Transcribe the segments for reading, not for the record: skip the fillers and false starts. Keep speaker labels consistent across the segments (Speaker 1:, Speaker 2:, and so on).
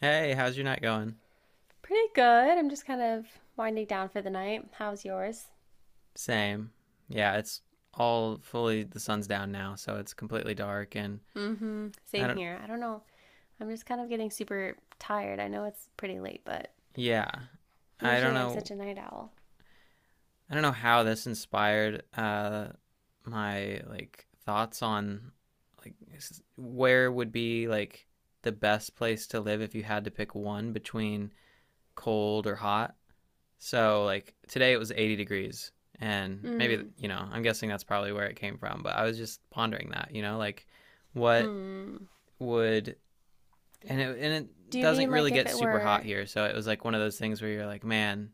Speaker 1: Hey, how's your night going?
Speaker 2: Pretty good. I'm just kind of Winding down for the night. How's yours?
Speaker 1: Same. Yeah, it's all fully the sun's down now, so it's completely dark and
Speaker 2: Mm-hmm.
Speaker 1: I
Speaker 2: Same
Speaker 1: don't
Speaker 2: here. I don't know. I'm just kind of getting super tired. I know it's pretty late, but
Speaker 1: yeah. I don't
Speaker 2: usually I'm
Speaker 1: know
Speaker 2: such a night owl.
Speaker 1: how this inspired my like thoughts on like where would be like the best place to live if you had to pick one between cold or hot. So like today it was 80 degrees and maybe
Speaker 2: Mm.
Speaker 1: I'm guessing that's probably where it came from, but I was just pondering that. What
Speaker 2: Hmm.
Speaker 1: would and it and
Speaker 2: Do
Speaker 1: it
Speaker 2: you
Speaker 1: doesn't
Speaker 2: mean
Speaker 1: really
Speaker 2: like if
Speaker 1: get
Speaker 2: it
Speaker 1: super hot
Speaker 2: were
Speaker 1: here, so it was like one of those things where you're like, man,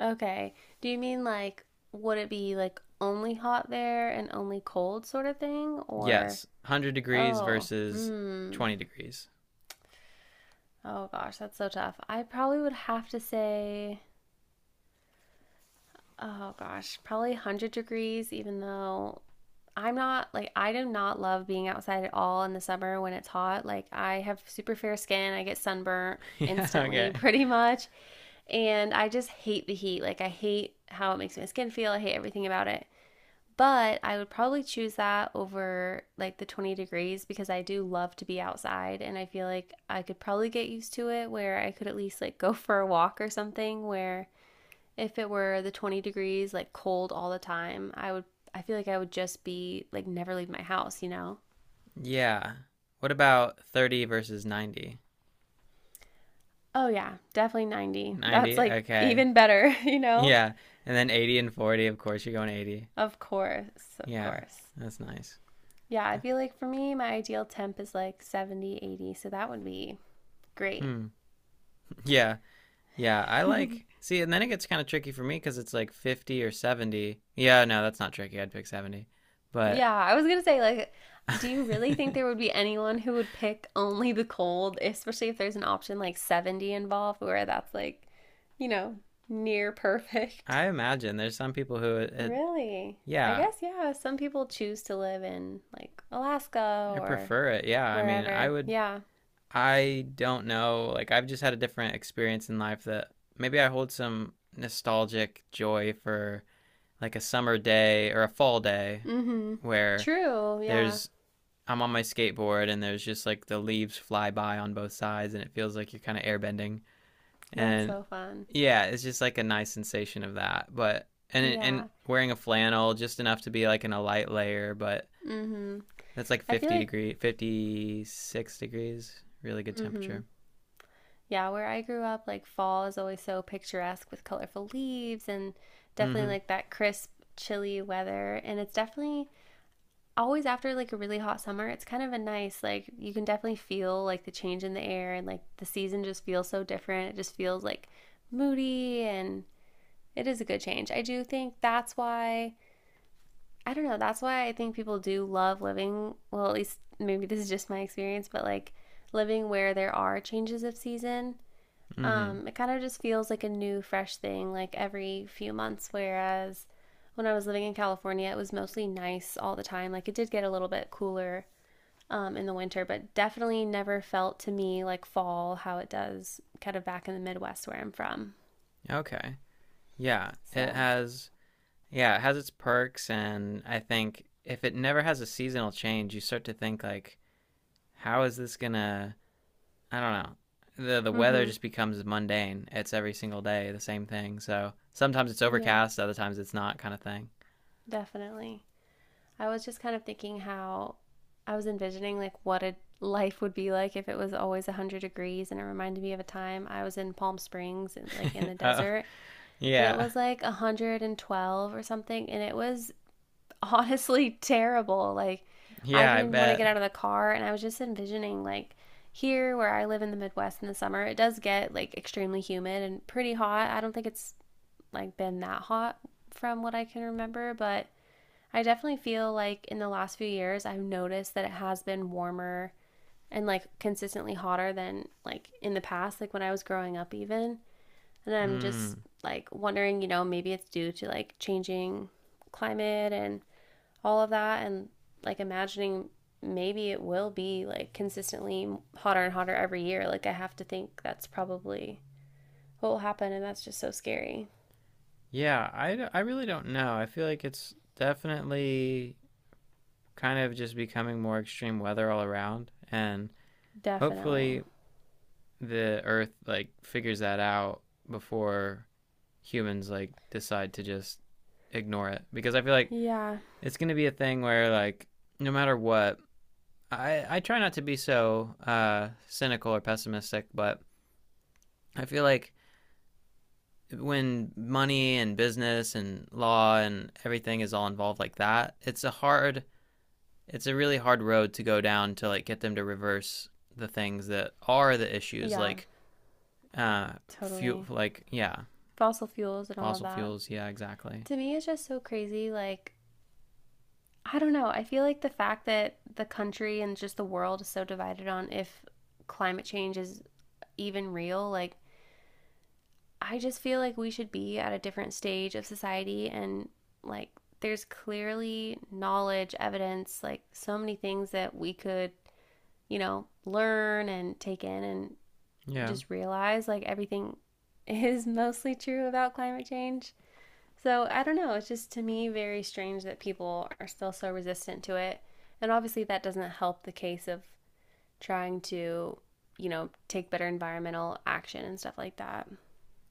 Speaker 2: okay? Do you mean like would it be like only hot there and only cold sort of thing or
Speaker 1: yes, 100 degrees
Speaker 2: oh,
Speaker 1: versus
Speaker 2: hmm.
Speaker 1: 20 degrees.
Speaker 2: Oh gosh, that's so tough. I probably would have to say oh gosh, probably 100 degrees even though I'm not like I do not love being outside at all in the summer when it's hot. Like I have super fair skin. I get sunburnt
Speaker 1: Yeah,
Speaker 2: instantly
Speaker 1: okay.
Speaker 2: pretty much. And I just hate the heat. Like I hate how it makes my skin feel. I hate everything about it. But I would probably choose that over like the 20 degrees because I do love to be outside and I feel like I could probably get used to it where I could at least like go for a walk or something where if it were the 20 degrees, like cold all the time, I would, I feel like I would just be like never leave my house, you know?
Speaker 1: Yeah. What about 30 versus 90?
Speaker 2: Oh, yeah, definitely 90. That's
Speaker 1: 90,
Speaker 2: like
Speaker 1: okay.
Speaker 2: even better, you know?
Speaker 1: Yeah. And then 80 and 40, of course you're going 80.
Speaker 2: Of course, of
Speaker 1: Yeah.
Speaker 2: course.
Speaker 1: That's nice.
Speaker 2: Yeah, I feel like for me, my ideal temp is like 70, 80. So that would be great.
Speaker 1: Hmm. Yeah. Yeah, I like. See, and then it gets kind of tricky for me because it's like 50 or 70. Yeah, no, that's not tricky. I'd pick 70. But
Speaker 2: Yeah, I was gonna say, like, do you really think there would be anyone who would pick only the cold, especially if there's an option like 70 involved where that's like, you know, near perfect?
Speaker 1: I imagine there's some people who it, it
Speaker 2: Really? I
Speaker 1: yeah,
Speaker 2: guess, yeah, some people choose to live in like Alaska
Speaker 1: I
Speaker 2: or
Speaker 1: prefer it. Yeah, I mean,
Speaker 2: wherever. Yeah.
Speaker 1: I don't know. Like I've just had a different experience in life that maybe I hold some nostalgic joy for like a summer day or a fall day
Speaker 2: Mm-hmm.
Speaker 1: where
Speaker 2: True. Yeah.
Speaker 1: there's I'm on my skateboard and there's just like the leaves fly by on both sides and it feels like you're kind of airbending.
Speaker 2: That's
Speaker 1: And
Speaker 2: so fun.
Speaker 1: yeah, it's just like a nice sensation of that. But and
Speaker 2: Yeah.
Speaker 1: wearing a flannel just enough to be like in a light layer, but
Speaker 2: Mm-hmm.
Speaker 1: that's like
Speaker 2: I feel
Speaker 1: 50
Speaker 2: like,
Speaker 1: degree, 56 degrees, really good
Speaker 2: mm-hmm.
Speaker 1: temperature.
Speaker 2: Yeah, where I grew up, like fall is always so picturesque with colorful leaves and definitely
Speaker 1: Mhm.
Speaker 2: like that crisp, chilly weather. And it's definitely always after like a really hot summer, it's kind of a nice like you can definitely feel like the change in the air and like the season just feels so different. It just feels like moody and it is a good change. I do think that's why I don't know, that's why I think people do love living, well at least maybe this is just my experience, but like living where there are changes of season.
Speaker 1: Mhm.
Speaker 2: It kind of just feels like a new fresh thing like every few months whereas when I was living in California, it was mostly nice all the time. Like it did get a little bit cooler in the winter, but definitely never felt to me like fall how it does kind of back in the Midwest where I'm from.
Speaker 1: Okay. Yeah, it
Speaker 2: So,
Speaker 1: has yeah, it has its perks and I think if it never has a seasonal change, you start to think like how is this going to I don't know. The weather
Speaker 2: mm-hmm.
Speaker 1: just becomes mundane. It's every single day the same thing. So sometimes it's
Speaker 2: Yeah,
Speaker 1: overcast, other times it's not kind of thing.
Speaker 2: definitely. I was just kind of thinking how I was envisioning like what a life would be like if it was always 100 degrees and it reminded me of a time I was in Palm Springs and like in the
Speaker 1: Oh,
Speaker 2: desert and it
Speaker 1: yeah.
Speaker 2: was like 112 or something and it was honestly terrible. Like, I
Speaker 1: Yeah, I
Speaker 2: didn't even want to get
Speaker 1: bet.
Speaker 2: out of the car, and I was just envisioning, like, here where I live in the Midwest in the summer, it does get like extremely humid and pretty hot. I don't think it's like been that hot from what I can remember, but I definitely feel like in the last few years, I've noticed that it has been warmer and like consistently hotter than like in the past, like when I was growing up, even. And I'm just
Speaker 1: Mm.
Speaker 2: like wondering, you know, maybe it's due to like changing climate and all of that and like imagining maybe it will be like consistently hotter and hotter every year. Like I have to think that's probably what will happen and that's just so scary.
Speaker 1: Yeah, I really don't know. I feel like it's definitely kind of just becoming more extreme weather all around and
Speaker 2: Definitely.
Speaker 1: hopefully the earth like figures that out before humans like decide to just ignore it because I feel like
Speaker 2: Yeah.
Speaker 1: it's going to be a thing where like no matter what I try not to be so cynical or pessimistic but I feel like when money and business and law and everything is all involved like that, it's a really hard road to go down to like get them to reverse the things that are the issues
Speaker 2: Yeah,
Speaker 1: like uh fuel
Speaker 2: totally.
Speaker 1: like yeah
Speaker 2: Fossil fuels and all of
Speaker 1: fossil
Speaker 2: that.
Speaker 1: fuels yeah exactly
Speaker 2: To me it's just so crazy like I don't know. I feel like the fact that the country and just the world is so divided on if climate change is even real, like I just feel like we should be at a different stage of society and like there's clearly knowledge, evidence, like so many things that we could, you know, learn and take in and
Speaker 1: yeah.
Speaker 2: just realize like everything is mostly true about climate change. So I don't know, it's just to me very strange that people are still so resistant to it. And obviously that doesn't help the case of trying to, you know, take better environmental action and stuff like that.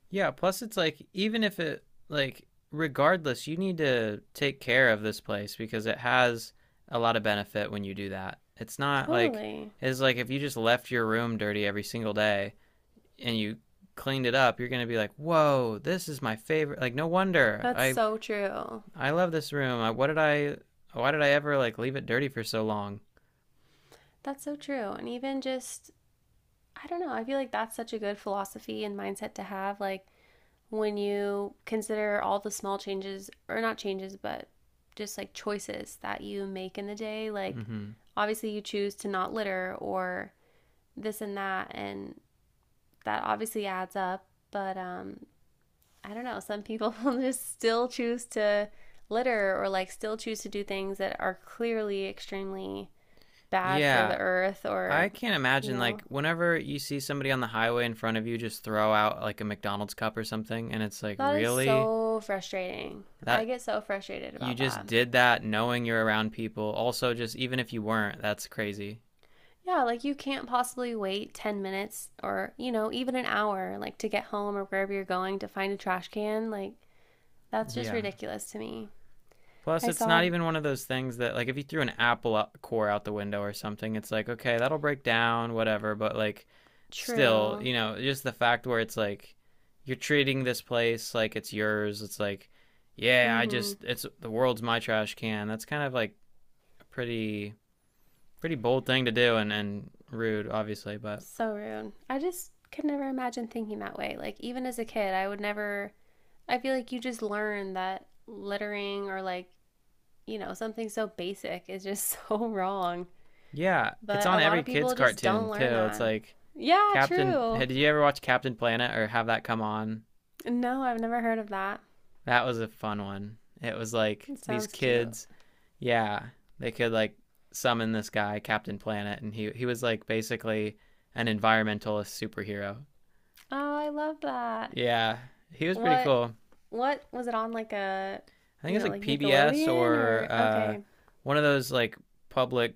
Speaker 1: Yeah, plus it's like even if it like regardless, you need to take care of this place because it has a lot of benefit when you do that. It's not like
Speaker 2: Totally.
Speaker 1: it's like if you just left your room dirty every single day and you cleaned it up, you're going to be like, "Whoa, this is my favorite." Like no wonder.
Speaker 2: That's
Speaker 1: I
Speaker 2: so true.
Speaker 1: I love this room. What did I? Why did I ever like leave it dirty for so long?
Speaker 2: That's so true. And even just, I don't know, I feel like that's such a good philosophy and mindset to have. Like when you consider all the small changes, or not changes, but just like choices that you make in the day, like
Speaker 1: Mhm.
Speaker 2: obviously you choose to not litter or this and that. And that obviously adds up. But I don't know, some people just still choose to litter or like still choose to do things that are clearly extremely bad for
Speaker 1: Yeah,
Speaker 2: the earth
Speaker 1: I
Speaker 2: or,
Speaker 1: can't
Speaker 2: you
Speaker 1: imagine
Speaker 2: know,
Speaker 1: like whenever you see somebody on the highway in front of you just throw out like a McDonald's cup or something and it's like
Speaker 2: that is
Speaker 1: really
Speaker 2: so frustrating. I
Speaker 1: that
Speaker 2: get so frustrated
Speaker 1: you
Speaker 2: about
Speaker 1: just
Speaker 2: that.
Speaker 1: did that knowing you're around people. Also just even if you weren't, that's crazy.
Speaker 2: Yeah, like you can't possibly wait 10 minutes or, you know, even an hour, like to get home or wherever you're going to find a trash can. Like, that's just
Speaker 1: Yeah.
Speaker 2: ridiculous to me.
Speaker 1: Plus,
Speaker 2: I
Speaker 1: it's
Speaker 2: saw
Speaker 1: not even one of those things that, like, if you threw an Apple core out the window or something, it's like, okay, that'll break down, whatever. But, like, still,
Speaker 2: true.
Speaker 1: just the fact where it's like, you're treating this place like it's yours. It's like, yeah,
Speaker 2: Mm hmm.
Speaker 1: it's the world's my trash can. That's kind of like a pretty, pretty bold thing to do and rude, obviously. But
Speaker 2: So rude. I just could never imagine thinking that way. Like, even as a kid, I would never. I feel like you just learn that littering or like you know, something so basic is just so wrong.
Speaker 1: yeah, it's
Speaker 2: But
Speaker 1: on
Speaker 2: a lot
Speaker 1: every
Speaker 2: of
Speaker 1: kid's
Speaker 2: people just
Speaker 1: cartoon,
Speaker 2: don't learn
Speaker 1: too. It's
Speaker 2: that.
Speaker 1: like,
Speaker 2: Yeah,
Speaker 1: Hey,
Speaker 2: true.
Speaker 1: did you ever watch Captain Planet or have that come on?
Speaker 2: No, I've never heard of that.
Speaker 1: That was a fun one. It was like
Speaker 2: It
Speaker 1: these
Speaker 2: sounds cute.
Speaker 1: kids, yeah, they could like summon this guy, Captain Planet, and he was like basically an environmentalist superhero.
Speaker 2: Oh, I love that.
Speaker 1: Yeah, he was pretty
Speaker 2: What
Speaker 1: cool.
Speaker 2: was it on like a
Speaker 1: I think it
Speaker 2: you
Speaker 1: was
Speaker 2: know,
Speaker 1: like
Speaker 2: like
Speaker 1: PBS
Speaker 2: Nickelodeon
Speaker 1: or
Speaker 2: or
Speaker 1: uh,
Speaker 2: okay.
Speaker 1: one of those like public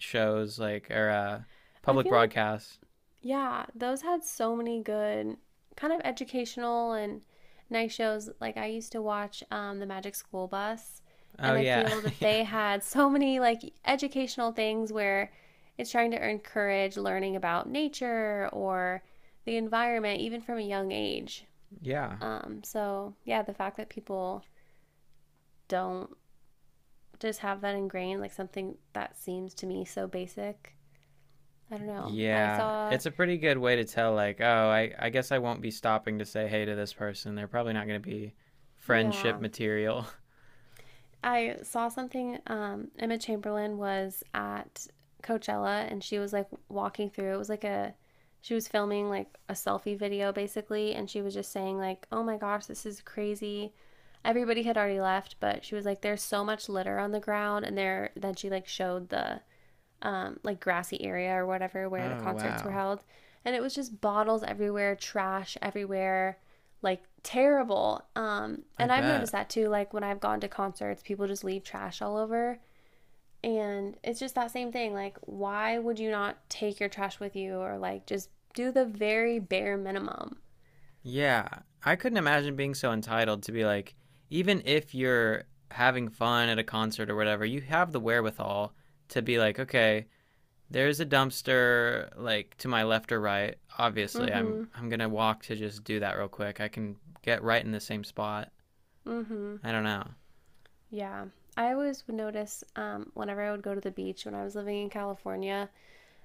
Speaker 1: shows, like or
Speaker 2: I
Speaker 1: public
Speaker 2: feel like
Speaker 1: broadcasts.
Speaker 2: yeah, those had so many good kind of educational and nice shows. Like I used to watch The Magic School Bus,
Speaker 1: Oh
Speaker 2: and I
Speaker 1: yeah,
Speaker 2: feel that they had so many like educational things where it's trying to encourage learning about nature or the environment, even from a young age.
Speaker 1: yeah.
Speaker 2: So yeah, the fact that people don't just have that ingrained, like something that seems to me so basic. I don't know. I
Speaker 1: Yeah,
Speaker 2: saw,
Speaker 1: it's a pretty good way to tell, like, oh, I guess I won't be stopping to say hey to this person. They're probably not going to be friendship
Speaker 2: yeah,
Speaker 1: material.
Speaker 2: I saw something. Emma Chamberlain was at Coachella and she was like walking through. It was like a, she was filming like a selfie video basically, and she was just saying like, "Oh my gosh, this is crazy." Everybody had already left, but she was like, "There's so much litter on the ground," and there. Then she like showed the like grassy area or whatever where the
Speaker 1: Oh,
Speaker 2: concerts were
Speaker 1: wow.
Speaker 2: held. And it was just bottles everywhere, trash everywhere, like terrible.
Speaker 1: I
Speaker 2: And I've noticed
Speaker 1: bet.
Speaker 2: that too. Like when I've gone to concerts, people just leave trash all over. And it's just that same thing. Like, why would you not take your trash with you or like just do the very bare minimum?
Speaker 1: Yeah, I couldn't imagine being so entitled to be like, even if you're having fun at a concert or whatever, you have the wherewithal to be like, okay, there's a dumpster like to my left or right. Obviously,
Speaker 2: Mm
Speaker 1: I'm
Speaker 2: hmm.
Speaker 1: I'm going to walk to just do that real quick. I can get right in the same spot.
Speaker 2: Mm hmm.
Speaker 1: I don't know.
Speaker 2: Yeah. I always would notice whenever I would go to the beach when I was living in California,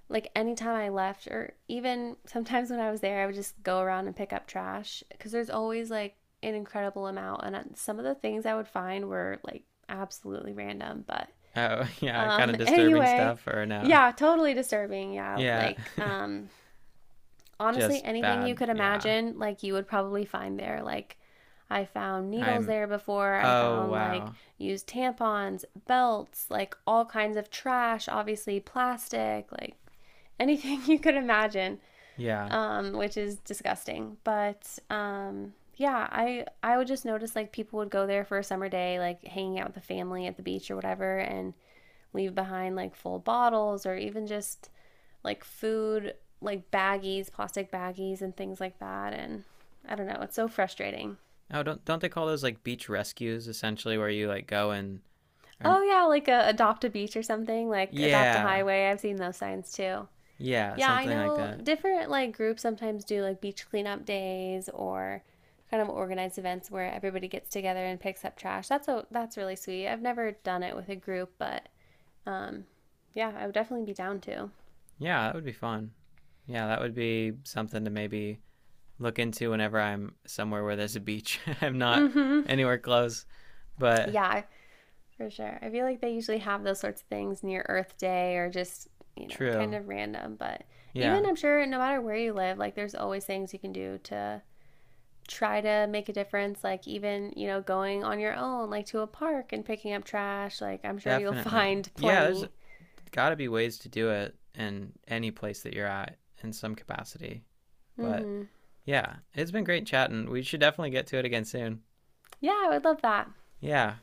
Speaker 2: like anytime I left, or even sometimes when I was there, I would just go around and pick up trash because there's always like an incredible amount. And some of the things I would find were like absolutely random. But
Speaker 1: Oh, yeah, kind
Speaker 2: um,
Speaker 1: of disturbing
Speaker 2: anyway,
Speaker 1: stuff or no?
Speaker 2: yeah, totally disturbing. Yeah,
Speaker 1: Yeah,
Speaker 2: honestly,
Speaker 1: just
Speaker 2: anything you
Speaker 1: bad.
Speaker 2: could
Speaker 1: Yeah.
Speaker 2: imagine, like you would probably find there. Like I found needles
Speaker 1: I'm
Speaker 2: there before. I
Speaker 1: Oh,
Speaker 2: found like
Speaker 1: wow.
Speaker 2: used tampons, belts, like all kinds of trash, obviously plastic, like anything you could imagine,
Speaker 1: Yeah.
Speaker 2: which is disgusting. But yeah, I would just notice like people would go there for a summer day, like hanging out with the family at the beach or whatever, and leave behind like full bottles or even just like food, like baggies, plastic baggies, and things like that. And I don't know, it's so frustrating.
Speaker 1: Oh, don't they call those like beach rescues essentially where you like go and um,
Speaker 2: Oh yeah, like a adopt a beach or something, like adopt a
Speaker 1: yeah.
Speaker 2: highway. I've seen those signs too.
Speaker 1: Yeah,
Speaker 2: Yeah, I
Speaker 1: something like
Speaker 2: know
Speaker 1: that.
Speaker 2: different like groups sometimes do like beach cleanup days or kind of organized events where everybody gets together and picks up trash. That's really sweet. I've never done it with a group, but um yeah, I would definitely be down to.
Speaker 1: Yeah, that would be fun. Yeah, that would be something to maybe look into whenever I'm somewhere where there's a beach. I'm not
Speaker 2: Mhm.
Speaker 1: anywhere close, but
Speaker 2: Yeah, for sure. I feel like they usually have those sorts of things near Earth Day or just, you know, kind
Speaker 1: true.
Speaker 2: of random, but even
Speaker 1: Yeah,
Speaker 2: I'm sure no matter where you live, like there's always things you can do to try to make a difference like even you know going on your own like to a park and picking up trash like I'm sure you'll
Speaker 1: definitely.
Speaker 2: find
Speaker 1: Yeah, there's
Speaker 2: plenty.
Speaker 1: got to be ways to do it in any place that you're at in some capacity. But
Speaker 2: Mm-hmm.
Speaker 1: yeah, it's been great chatting. We should definitely get to it again soon.
Speaker 2: Yeah, I would love that.
Speaker 1: Yeah,